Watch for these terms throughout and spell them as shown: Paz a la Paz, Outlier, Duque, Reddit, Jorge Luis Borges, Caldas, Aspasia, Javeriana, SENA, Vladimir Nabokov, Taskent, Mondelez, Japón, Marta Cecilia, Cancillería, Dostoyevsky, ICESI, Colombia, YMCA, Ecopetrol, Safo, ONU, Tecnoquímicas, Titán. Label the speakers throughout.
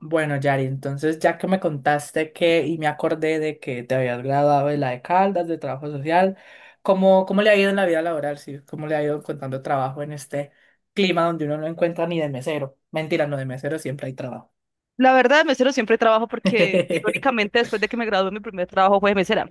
Speaker 1: Bueno, Yari, entonces ya que me contaste que y me acordé de que te habías graduado de la de Caldas, de trabajo social, ¿cómo le ha ido en la vida laboral? Sí, ¿cómo le ha ido encontrando trabajo en este clima donde uno no encuentra ni de mesero? Mentira, no de mesero siempre hay trabajo.
Speaker 2: La verdad, de mesero siempre trabajo porque, irónicamente, después de que me gradué, mi primer trabajo fue de mesera.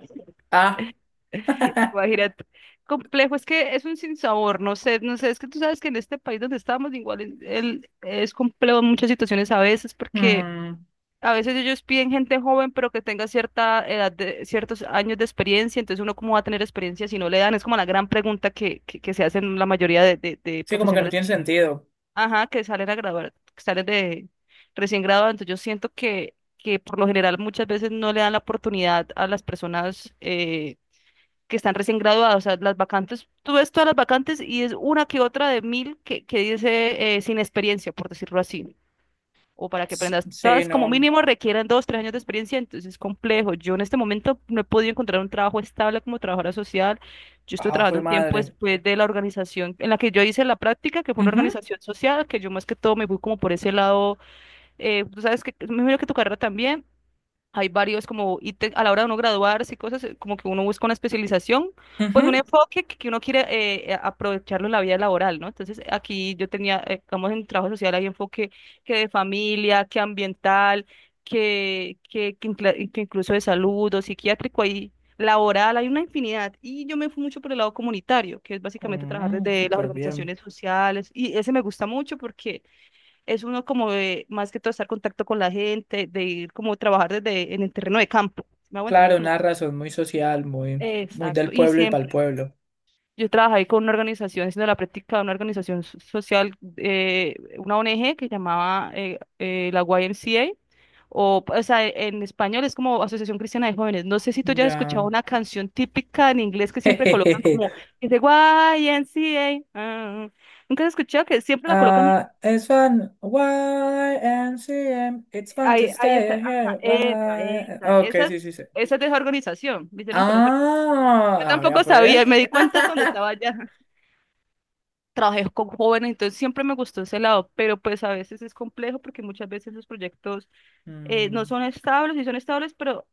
Speaker 1: Ah,
Speaker 2: Imagínate. Complejo, es que es un sinsabor, no sé, es que tú sabes que en este país donde estamos, igual es complejo en muchas situaciones a veces, porque
Speaker 1: mm,
Speaker 2: a veces ellos piden gente joven, pero que tenga cierta edad, de, ciertos años de experiencia, entonces uno cómo va a tener experiencia si no le dan, es como la gran pregunta que se hacen la mayoría de
Speaker 1: sí, como que no
Speaker 2: profesionales.
Speaker 1: tiene sentido.
Speaker 2: Ajá, que salen a grabar, que salen de recién graduados. Entonces yo siento que por lo general muchas veces no le dan la oportunidad a las personas que están recién graduadas. O sea, las vacantes, tú ves todas las vacantes y es una que otra de mil que dice sin experiencia, por decirlo así, o para que
Speaker 1: S-
Speaker 2: aprendas.
Speaker 1: Sí,
Speaker 2: Todas como
Speaker 1: no.
Speaker 2: mínimo requieren dos, tres años de experiencia, entonces es complejo. Yo en este momento no he podido encontrar un trabajo estable como trabajadora social. Yo estoy
Speaker 1: Ah, jue
Speaker 2: trabajando un tiempo
Speaker 1: madre.
Speaker 2: después de la organización en la que yo hice la práctica, que fue una
Speaker 1: Ujú,
Speaker 2: organización social, que yo más que todo me fui como por ese lado. Tú sabes, que me imagino que tu carrera también. Hay varios como a la hora de uno graduarse y cosas, como que uno busca una especialización, pues
Speaker 1: ujú.
Speaker 2: un enfoque que uno quiere aprovecharlo en la vida laboral, ¿no? Entonces aquí yo tenía, digamos, en trabajo social hay enfoque que de familia, que ambiental, que incluso de salud o psiquiátrico, hay laboral, hay una infinidad. Y yo me fui mucho por el lado comunitario, que es básicamente trabajar
Speaker 1: Mm,
Speaker 2: desde las
Speaker 1: súper bien.
Speaker 2: organizaciones sociales, y ese me gusta mucho porque es uno como de, más que todo estar en contacto con la gente, de ir como trabajar desde en el terreno de campo. ¿Sí ¿Me hago entender?
Speaker 1: Claro,
Speaker 2: Como,
Speaker 1: una razón muy social, muy, muy del
Speaker 2: exacto, y
Speaker 1: pueblo y para el
Speaker 2: siempre.
Speaker 1: pueblo.
Speaker 2: Yo trabajé ahí con una organización, haciendo la práctica de una organización social, una ONG que llamaba la YMCA, o sea, en español es como Asociación Cristiana de Jóvenes. No sé si tú ya has escuchado
Speaker 1: Ya.
Speaker 2: una canción típica en inglés que siempre colocan como, que dice YMCA. Ah. ¿Nunca has escuchado que siempre la colocan?
Speaker 1: Ah, it's fun. Y N C M It's fun to
Speaker 2: Ahí, ahí está.
Speaker 1: stay
Speaker 2: Ajá,
Speaker 1: here.
Speaker 2: epa,
Speaker 1: Y,
Speaker 2: epa.
Speaker 1: Ok, sí, sí, sí.
Speaker 2: Esa es desorganización. Me hicieron por eso. Yo
Speaker 1: Ah, a ver,
Speaker 2: tampoco
Speaker 1: pues.
Speaker 2: sabía, me di cuenta cuando estaba allá. Trabajé con jóvenes, entonces siempre me gustó ese lado, pero pues a veces es complejo porque muchas veces los proyectos no
Speaker 1: Mm.
Speaker 2: son estables y son estables, pero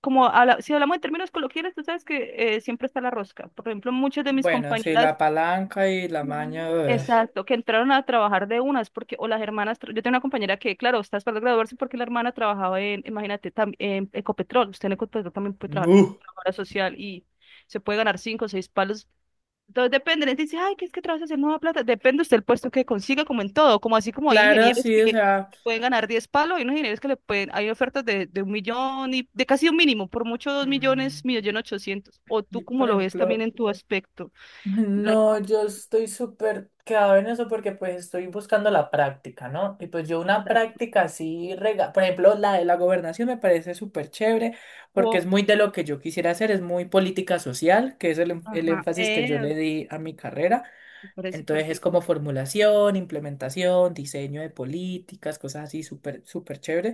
Speaker 2: si hablamos en términos coloquiales, tú sabes que siempre está la rosca. Por ejemplo, muchas de mis
Speaker 1: Bueno, sí,
Speaker 2: compañeras.
Speaker 1: la palanca y la maña.
Speaker 2: Ujú.
Speaker 1: Ugh.
Speaker 2: Exacto, que entraron a trabajar de unas, porque, o las hermanas, yo tengo una compañera que, claro, está esperando graduarse porque la hermana trabajaba en, imagínate, en Ecopetrol, usted en Ecopetrol también puede trabajar como
Speaker 1: Uh,
Speaker 2: trabajadora social y se puede ganar cinco o seis palos, entonces depende, la gente dice, ay, que es que trabajas en nueva plata, depende usted el puesto que consiga, como en todo, como así como hay
Speaker 1: Claro,
Speaker 2: ingenieros
Speaker 1: sí, o
Speaker 2: que
Speaker 1: sea.
Speaker 2: pueden ganar diez palos, hay unos ingenieros que le pueden, hay ofertas de un millón y de casi un mínimo, por mucho dos millones,
Speaker 1: mm,
Speaker 2: millón ochocientos, o tú
Speaker 1: y,
Speaker 2: como
Speaker 1: por
Speaker 2: lo ves también
Speaker 1: ejemplo.
Speaker 2: en tu aspecto, la
Speaker 1: No, yo estoy súper quedado en eso porque pues estoy buscando la práctica, ¿no? Y pues yo una práctica así, rega por ejemplo, la de la gobernación me parece súper chévere porque es
Speaker 2: economía.
Speaker 1: muy de lo que yo quisiera hacer, es muy política social, que es el
Speaker 2: Ajá,
Speaker 1: énfasis que yo le
Speaker 2: es,
Speaker 1: di a mi carrera.
Speaker 2: me parece
Speaker 1: Entonces es
Speaker 2: perfecto.
Speaker 1: como formulación, implementación, diseño de políticas, cosas así súper, súper chévere.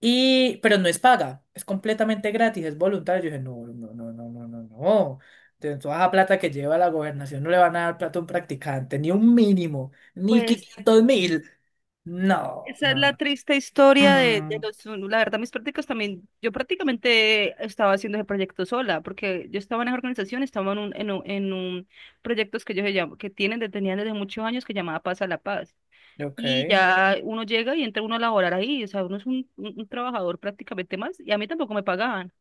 Speaker 1: Y, pero no es paga, es completamente gratis, es voluntario. Yo dije, no, no, no, no, no, no, no. De toda la plata que lleva la gobernación no le van a dar plata a un practicante, ni un mínimo, ni
Speaker 2: Pues
Speaker 1: 500.000. No,
Speaker 2: esa es
Speaker 1: no,
Speaker 2: la
Speaker 1: no.
Speaker 2: triste historia de
Speaker 1: Mm,
Speaker 2: los, la verdad, mis prácticas también, yo prácticamente estaba haciendo ese proyecto sola, porque yo estaba en esa organización, estaba en un proyectos que ellos que tienen, tenían desde muchos años que llamaba Paz a la Paz. Y
Speaker 1: ok.
Speaker 2: ya uno llega y entra uno a laborar ahí, o sea, uno es un, un trabajador prácticamente más, y a mí tampoco me pagaban,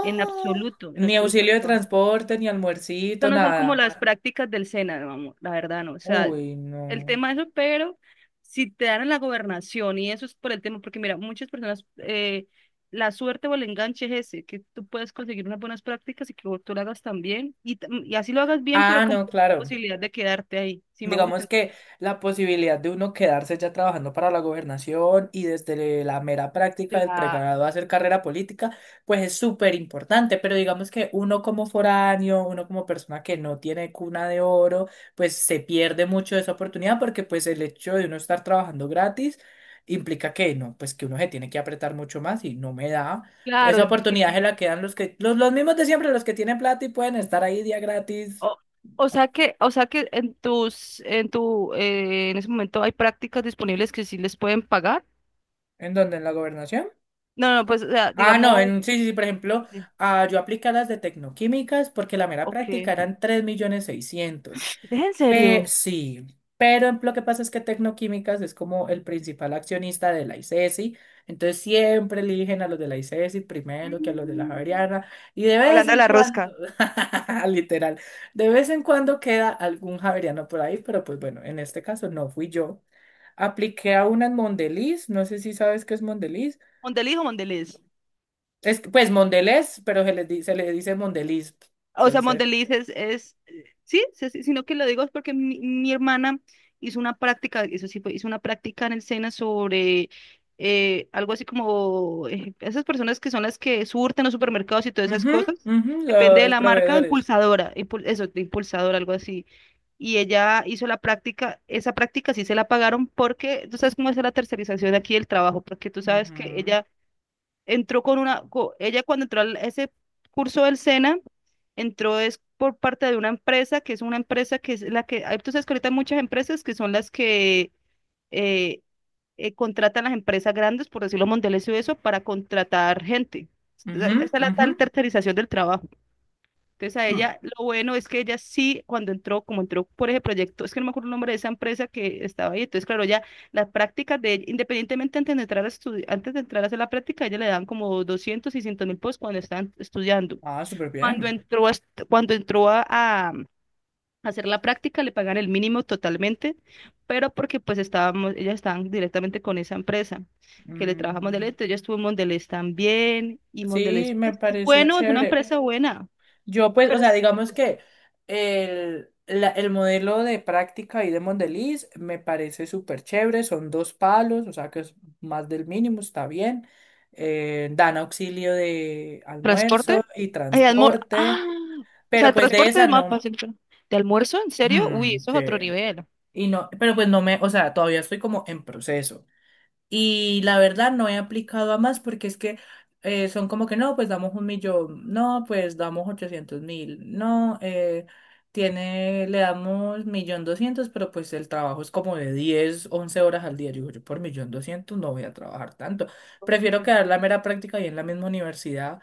Speaker 2: en
Speaker 1: Ni
Speaker 2: absoluto me
Speaker 1: auxilio de
Speaker 2: pagaban.
Speaker 1: transporte, ni almuercito,
Speaker 2: Eso no son
Speaker 1: nada.
Speaker 2: como las prácticas del SENA, vamos, la verdad, no. O sea,
Speaker 1: Uy,
Speaker 2: el
Speaker 1: no.
Speaker 2: tema de eso, pero si te dan en la gobernación, y eso es por el tema, porque mira, muchas personas, la suerte o el enganche es ese, que tú puedes conseguir unas buenas prácticas y que tú lo hagas también, y, y así lo hagas bien, pero
Speaker 1: Ah,
Speaker 2: con
Speaker 1: no,
Speaker 2: la
Speaker 1: claro.
Speaker 2: posibilidad de quedarte ahí, si me hago
Speaker 1: Digamos
Speaker 2: entender.
Speaker 1: que la posibilidad de uno quedarse ya trabajando para la gobernación y desde la mera práctica del
Speaker 2: Cla-
Speaker 1: pregrado hacer carrera política, pues es súper importante, pero digamos que uno como foráneo, uno como persona que no tiene cuna de oro, pues se pierde mucho esa oportunidad porque pues el hecho de uno estar trabajando gratis implica que no, pues que uno se tiene que apretar mucho más y no me da.
Speaker 2: Claro,
Speaker 1: Esa
Speaker 2: es
Speaker 1: oportunidad
Speaker 2: difícil.
Speaker 1: se la quedan los mismos de siempre, los que tienen plata y pueden estar ahí día
Speaker 2: O,
Speaker 1: gratis. Ah,
Speaker 2: o sea que en tus, en tu, en ese momento hay prácticas disponibles que sí les pueden pagar.
Speaker 1: ¿En la gobernación?
Speaker 2: No, no, pues, o sea,
Speaker 1: Ah, no,
Speaker 2: digamos,
Speaker 1: sí, sí, sí, por ejemplo, yo apliqué a las de tecnoquímicas porque la mera
Speaker 2: ok.
Speaker 1: práctica
Speaker 2: ¿Es
Speaker 1: eran 3.600.000.
Speaker 2: en
Speaker 1: Pe-
Speaker 2: serio?
Speaker 1: sí, pero lo que pasa es que tecnoquímicas es como el principal accionista de la ICESI, entonces siempre eligen a los de la ICESI primero que a los de la
Speaker 2: Mm.
Speaker 1: Javeriana y de vez
Speaker 2: Hablando de
Speaker 1: en
Speaker 2: la
Speaker 1: cuando,
Speaker 2: rosca.
Speaker 1: literal, de vez en cuando queda algún Javeriano por ahí, pero pues bueno, en este caso no fui yo. Apliqué a una en Mondeliz, no sé si sabes qué es Mondeliz.
Speaker 2: Mondeliz o Mondelez.
Speaker 1: Es, que, pues Mondelez, pero se le dice Mondeliz.
Speaker 2: O sea,
Speaker 1: Entonces,
Speaker 2: Mondeliz es sí, sí, sí, sino que lo digo es porque mi hermana hizo una práctica, eso sí fue, hizo una práctica en el SENA sobre algo así como esas personas que son las que surten los supermercados y todas esas
Speaker 1: ujú,
Speaker 2: cosas.
Speaker 1: ujú,
Speaker 2: Depende de
Speaker 1: los
Speaker 2: la marca,
Speaker 1: proveedores.
Speaker 2: impulsadora, eso, de impulsadora, algo así. Y ella hizo la práctica, esa práctica sí se la pagaron porque tú sabes cómo es la tercerización aquí del trabajo, porque tú sabes que
Speaker 1: Ujú,
Speaker 2: ella entró con una, ella cuando entró a ese curso del SENA, entró es por parte de una empresa, que es una empresa que es la que, tú sabes que ahorita hay muchas empresas que son las que eh, contratan las empresas grandes, por decirlo, Mondelez y eso, para contratar gente. Esa
Speaker 1: ujú,
Speaker 2: esa es la
Speaker 1: ujú.
Speaker 2: tal tercerización del trabajo. Entonces a
Speaker 1: Mm.
Speaker 2: ella, lo bueno es que ella sí, cuando entró, como entró por ese proyecto, es que no me acuerdo el nombre de esa empresa que estaba ahí, entonces claro, ya las prácticas de, ella, independientemente antes de antes de entrar a hacer la práctica, ella le dan como 200, 600 mil pesos cuando están estudiando.
Speaker 1: Ah, súper
Speaker 2: Cuando
Speaker 1: bien.
Speaker 2: entró cuando entró a hacer la práctica, le pagan el mínimo totalmente, pero porque pues estábamos, ellas estaban directamente con esa empresa que le trabaja a
Speaker 1: Mm,
Speaker 2: Mondelez, entonces yo estuve en Mondelez también, y
Speaker 1: sí,
Speaker 2: Mondelez
Speaker 1: me
Speaker 2: pues, es
Speaker 1: parece
Speaker 2: bueno, es una
Speaker 1: chévere.
Speaker 2: empresa buena,
Speaker 1: Yo, pues, o
Speaker 2: pero...
Speaker 1: sea, digamos que el modelo de práctica y de Mondeliz me parece súper chévere. Son dos palos, o sea que es más del mínimo, está bien. Dan auxilio de almuerzo
Speaker 2: ¿Transporte?
Speaker 1: y transporte.
Speaker 2: ¡Ah! O
Speaker 1: Pero
Speaker 2: sea,
Speaker 1: pues de
Speaker 2: transporte
Speaker 1: esa
Speaker 2: es más
Speaker 1: no.
Speaker 2: fácil. ¿De almuerzo? ¿En serio? Uy,
Speaker 1: Hmm,
Speaker 2: eso
Speaker 1: sí.
Speaker 2: es otro nivel.
Speaker 1: Y no, pero pues no me, o sea, todavía estoy como en proceso. Y la verdad no he aplicado a más porque es que son como que no, pues damos 1.000.000, no, pues damos 800.000, no, le damos 1.200.000, pero pues el trabajo es como de 10 11 horas al día. Yo digo, yo por 1.200.000 no voy a trabajar tanto. Prefiero
Speaker 2: Entonces,
Speaker 1: quedar la mera práctica y en la misma universidad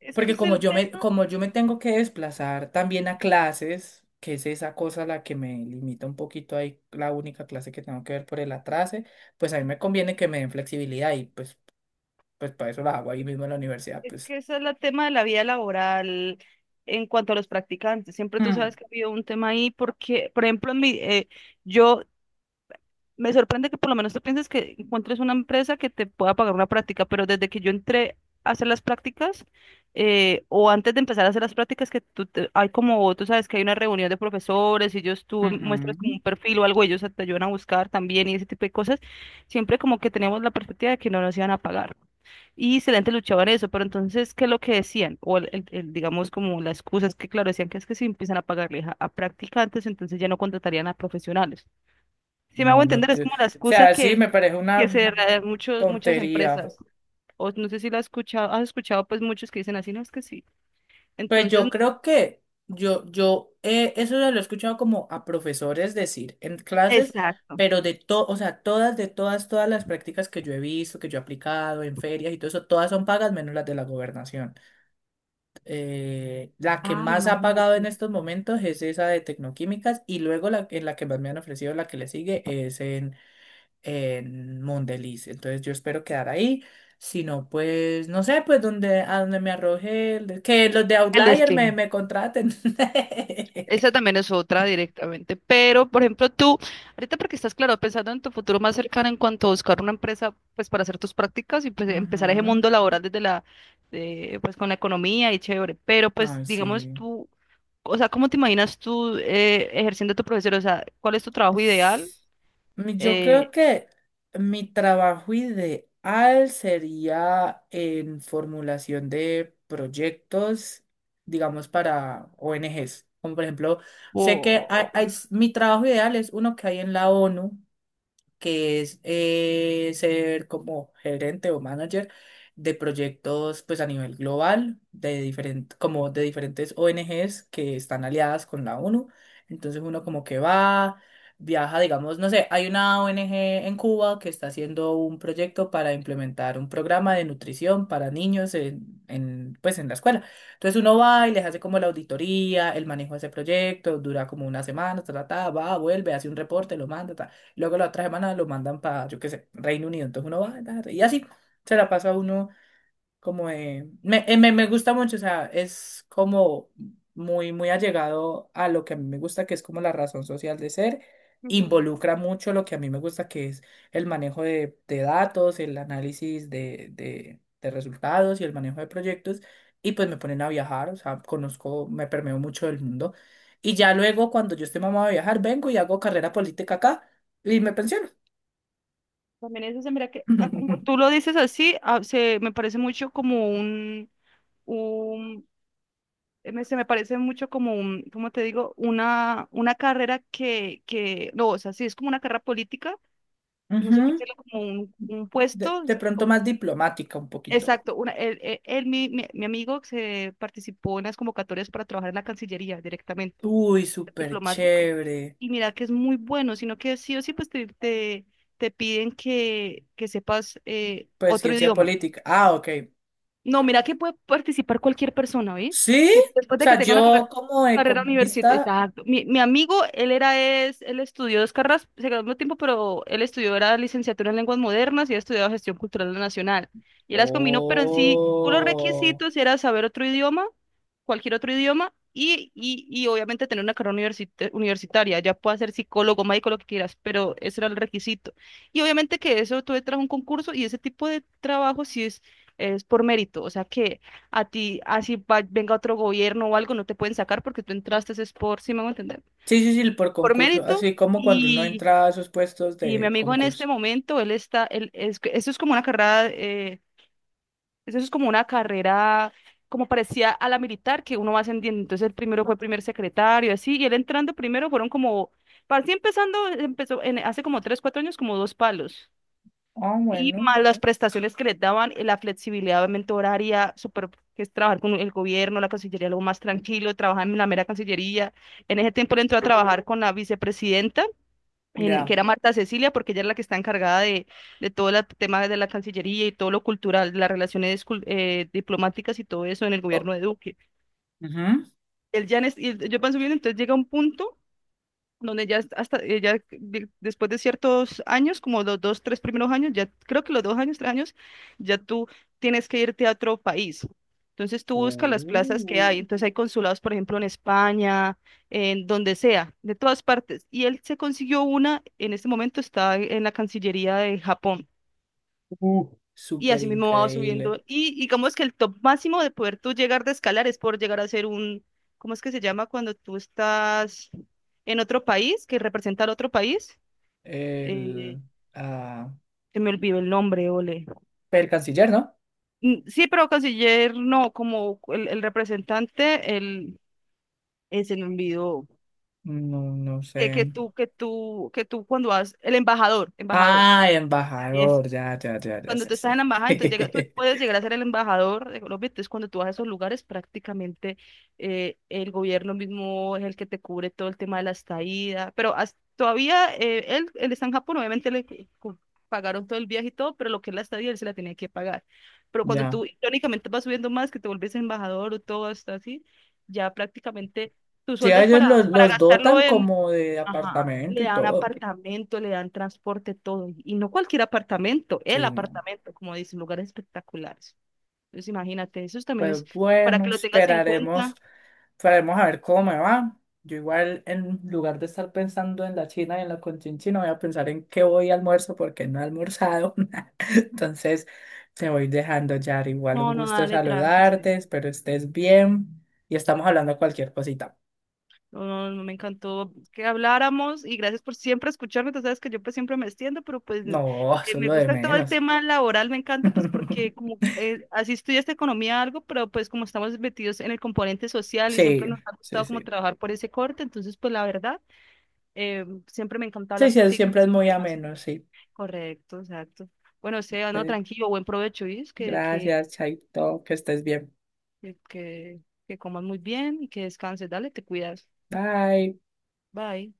Speaker 2: es que
Speaker 1: porque
Speaker 2: es
Speaker 1: como
Speaker 2: el
Speaker 1: yo me,
Speaker 2: tema,
Speaker 1: como yo me tengo que desplazar también a clases, que es esa cosa la que me limita un poquito ahí, la única clase que tengo que ver por el atrase, pues a mí me conviene que me den flexibilidad y pues, pues para eso la hago ahí mismo en la universidad,
Speaker 2: es
Speaker 1: pues.
Speaker 2: que ese es el tema de la vida laboral en cuanto a los practicantes. Siempre tú
Speaker 1: Mm,
Speaker 2: sabes que ha habido un tema ahí porque, por ejemplo, en mi, yo me sorprende que por lo menos tú pienses que encuentres una empresa que te pueda pagar una práctica, pero desde que yo entré a hacer las prácticas, o antes de empezar a hacer las prácticas, hay como, tú sabes que hay una reunión de profesores y ellos tú
Speaker 1: ujú.
Speaker 2: muestras como un perfil o algo, ellos te ayudan a buscar también y ese tipo de cosas, siempre como que teníamos la perspectiva de que no nos iban a pagar. Y excelente luchaban eso, pero entonces, ¿qué es lo que decían? O el, digamos como la excusa es que, claro, decían que es que si empiezan a pagarle a practicantes, entonces ya no contratarían a profesionales. Si me hago
Speaker 1: No, no,
Speaker 2: entender, es
Speaker 1: o
Speaker 2: como la excusa
Speaker 1: sea, sí, me parece
Speaker 2: que
Speaker 1: una
Speaker 2: se da muchos, muchas
Speaker 1: tontería.
Speaker 2: empresas. O no sé si la has escuchado pues muchos que dicen así, no es que sí.
Speaker 1: Pues
Speaker 2: Entonces,
Speaker 1: yo creo que eso se lo he escuchado como a profesores decir en clases,
Speaker 2: exacto.
Speaker 1: pero de todo, o sea, de todas las prácticas que yo he visto, que yo he aplicado en ferias y todo eso, todas son pagas menos las de la gobernación. La que
Speaker 2: Ah,
Speaker 1: más ha pagado en estos momentos es esa de tecnoquímicas y luego en la que más me han ofrecido, la que le sigue es en Mondeliz. Entonces yo espero quedar ahí. Si no, pues, no sé, pues a donde me arroje, que los de
Speaker 2: el
Speaker 1: Outlier me,
Speaker 2: destino.
Speaker 1: me contraten.
Speaker 2: Esa también es otra directamente. Pero, por ejemplo, tú, ahorita porque estás claro, pensando en tu futuro más cercano en cuanto a buscar una empresa, pues para hacer tus prácticas y pues, empezar ese
Speaker 1: Ujú.
Speaker 2: mundo laboral desde la, de, pues con la economía y chévere. Pero, pues,
Speaker 1: Ay,
Speaker 2: digamos
Speaker 1: sí.
Speaker 2: tú, o sea, ¿cómo te imaginas tú ejerciendo tu profesión? O sea, ¿cuál es tu trabajo ideal?
Speaker 1: Yo creo que mi trabajo ideal sería en formulación de proyectos, digamos, para ONGs. Como por ejemplo, sé que hay-
Speaker 2: Wow.
Speaker 1: hay s- mi trabajo ideal es uno que hay en la ONU, que es ser como gerente o manager de proyectos pues a nivel global de diferentes ONGs que están aliadas con la ONU. Entonces uno como que va, viaja, digamos, no sé, hay una ONG en Cuba que está haciendo un proyecto para implementar un programa de nutrición para niños en la escuela. Entonces uno va y les hace como la auditoría, el manejo de ese proyecto, dura como una semana, ta, ta, ta, va, vuelve, hace un reporte, lo manda, ta. Luego la otra semana lo mandan para, yo qué sé, Reino Unido. Entonces uno va, ta, ta, y así se la pasa uno como de- me, me, me gusta mucho, o sea, es como muy, muy allegado a lo que a mí me gusta, que es como la razón social de ser,
Speaker 2: Ujú.
Speaker 1: involucra mucho lo que a mí me gusta, que es el manejo de datos, el análisis de resultados y el manejo de proyectos, y pues me ponen a viajar, o sea, conozco, me permeo mucho del mundo, y ya luego cuando yo esté mamado de viajar, vengo y hago carrera política acá y me pensiono.
Speaker 2: También eso se mira que, ah, como tú lo dices así, ah, se me parece mucho como un se me parece mucho como un, ¿cómo te digo? Una carrera no, o sea, sí es como una carrera política, no sé cómo
Speaker 1: Ujú.
Speaker 2: decirlo, como un
Speaker 1: De,
Speaker 2: puesto,
Speaker 1: de pronto
Speaker 2: o-
Speaker 1: más diplomática un poquito.
Speaker 2: exacto, una, mi amigo se participó en las convocatorias para trabajar en la Cancillería directamente.
Speaker 1: Uy, súper
Speaker 2: Diplomático.
Speaker 1: chévere.
Speaker 2: Y mira que es muy bueno, sino que sí o sí pues te piden que sepas
Speaker 1: Pues
Speaker 2: otro
Speaker 1: ciencia
Speaker 2: idioma.
Speaker 1: política. Ah, ok.
Speaker 2: No, mira que puede participar cualquier persona, ¿ves?
Speaker 1: ¿Sí?
Speaker 2: Que después
Speaker 1: O
Speaker 2: de que
Speaker 1: sea,
Speaker 2: tenga una
Speaker 1: yo como
Speaker 2: carrera universitaria.
Speaker 1: economista.
Speaker 2: Exacto. Mi amigo, él era, es, él estudió dos carreras, se graduó al tiempo, pero él estudió, era licenciatura en lenguas modernas y ha estudiado gestión cultural nacional. Y él las combinó, pero en sí, unos
Speaker 1: Oh.
Speaker 2: requisitos era saber otro idioma, cualquier otro idioma, y obviamente tener una carrera universitaria. Ya puede ser psicólogo, médico, lo que quieras, pero ese era el requisito. Y obviamente que eso tú entras a un concurso y ese tipo de trabajo sí es por mérito, o sea que a ti, así venga otro gobierno o algo, no te pueden sacar porque tú entraste es por, si me voy a entender,
Speaker 1: Sí, sí, sí, por
Speaker 2: por
Speaker 1: concurso.
Speaker 2: mérito.
Speaker 1: Así como cuando uno
Speaker 2: Y,
Speaker 1: entra a esos puestos
Speaker 2: y mi
Speaker 1: de
Speaker 2: amigo en este
Speaker 1: concursos.
Speaker 2: momento, él está, él es, que eso es como una carrera, eso es como una carrera, como parecía a la militar, que uno va ascendiendo. Entonces el primero fue primer secretario, así, y él entrando primero fueron como, para así empezando, empezó en, hace como tres, cuatro años, como dos palos.
Speaker 1: Ah,
Speaker 2: Y
Speaker 1: bueno.
Speaker 2: más las prestaciones que les daban, la flexibilidad obviamente horaria, súper, que es trabajar con el gobierno, la Cancillería, algo más tranquilo, trabajar en la mera Cancillería. En ese tiempo él entró a trabajar con la vicepresidenta, que
Speaker 1: Ya.
Speaker 2: era Marta Cecilia, porque ella es la que está encargada de todo el tema de la Cancillería y todo lo cultural, las relaciones diplomáticas y todo eso en el
Speaker 1: O-
Speaker 2: gobierno de Duque.
Speaker 1: Ujú.
Speaker 2: Él ya y yo pienso bien, entonces llega un punto donde ya hasta ya después de ciertos años, como los dos, tres primeros años, ya creo que los dos años, tres años, ya tú tienes que irte a otro país. Entonces tú buscas las plazas que
Speaker 1: Uh,
Speaker 2: hay. Entonces hay consulados, por ejemplo, en España, en donde sea, de todas partes. Y él se consiguió una, en este momento está en la Cancillería de Japón
Speaker 1: uh,
Speaker 2: y
Speaker 1: súper
Speaker 2: así mismo va
Speaker 1: increíble.
Speaker 2: subiendo. Y digamos que el top máximo de poder tú llegar de escalar es por llegar a ser un, ¿cómo es que se llama cuando tú estás en otro país, que representa al otro país? Eh,
Speaker 1: El, ah,
Speaker 2: se me olvidó el nombre, ole.
Speaker 1: el canciller, ¿no?
Speaker 2: Mm, sí, pero canciller no, como el representante, el, se me olvidó.
Speaker 1: No, no
Speaker 2: Que,
Speaker 1: sé.
Speaker 2: que tú, que tú, que tú cuando vas, el embajador, embajador.
Speaker 1: Ah, embajador, ya, ya, ya, ya,
Speaker 2: Cuando
Speaker 1: sí,
Speaker 2: tú estás en
Speaker 1: sí.
Speaker 2: la embajada, entonces llega, tú puedes llegar a ser el embajador de Colombia, entonces cuando tú vas a esos lugares, prácticamente el gobierno mismo es el que te cubre todo el tema de la estadía, pero has- todavía él, él está en Japón, obviamente le cu- pagaron todo el viaje y todo, pero lo que es la estadía él se la tenía que pagar. Pero cuando
Speaker 1: Ya.
Speaker 2: tú irónicamente vas subiendo más, que te vuelves embajador o todo hasta así, ya prácticamente tu
Speaker 1: Sí,
Speaker 2: sueldo
Speaker 1: a
Speaker 2: es
Speaker 1: ellos los,
Speaker 2: para
Speaker 1: los
Speaker 2: gastarlo.
Speaker 1: dotan como de
Speaker 2: Ajá,
Speaker 1: apartamento
Speaker 2: le
Speaker 1: y
Speaker 2: dan
Speaker 1: todo.
Speaker 2: apartamento, le dan transporte, todo. Y no cualquier apartamento, el
Speaker 1: Sí, no.
Speaker 2: apartamento, como dicen, lugares espectaculares. Entonces, imagínate, eso también
Speaker 1: Pues
Speaker 2: es para que
Speaker 1: bueno,
Speaker 2: lo tengas en
Speaker 1: esperaremos,
Speaker 2: cuenta.
Speaker 1: esperaremos a ver cómo me va. Yo igual, en lugar de estar pensando en la China y en la conchinchina, voy a pensar en qué voy a almuerzo porque no he almorzado. Entonces, te voy dejando, Yar. Igual un
Speaker 2: No, no,
Speaker 1: gusto
Speaker 2: dale, tranqui. Este,
Speaker 1: saludarte, espero estés bien y estamos hablando de cualquier cosita.
Speaker 2: no, no, no, me encantó que habláramos y gracias por siempre escucharme. Tú sabes que yo pues siempre me extiendo, pero pues
Speaker 1: No, eso es
Speaker 2: me
Speaker 1: lo de
Speaker 2: gusta todo el
Speaker 1: menos.
Speaker 2: tema laboral, me encanta pues porque como así estudiaste economía algo, pero pues como estamos metidos en el componente social y
Speaker 1: Sí,
Speaker 2: siempre nos ha
Speaker 1: sí,
Speaker 2: gustado como
Speaker 1: sí.
Speaker 2: trabajar por ese corte, entonces pues la verdad. Siempre me encanta
Speaker 1: Sí,
Speaker 2: hablar
Speaker 1: sí,
Speaker 2: contigo de
Speaker 1: siempre es
Speaker 2: estos
Speaker 1: muy
Speaker 2: temas.
Speaker 1: ameno, sí.
Speaker 2: Correcto, exacto. Bueno, sea, no,
Speaker 1: Entonces,
Speaker 2: tranquilo, buen provecho, ¿y?
Speaker 1: gracias, Chaito, que estés bien.
Speaker 2: Que, que, que comas muy bien y que descanses. Dale, te cuidas.
Speaker 1: Bye.
Speaker 2: Bye.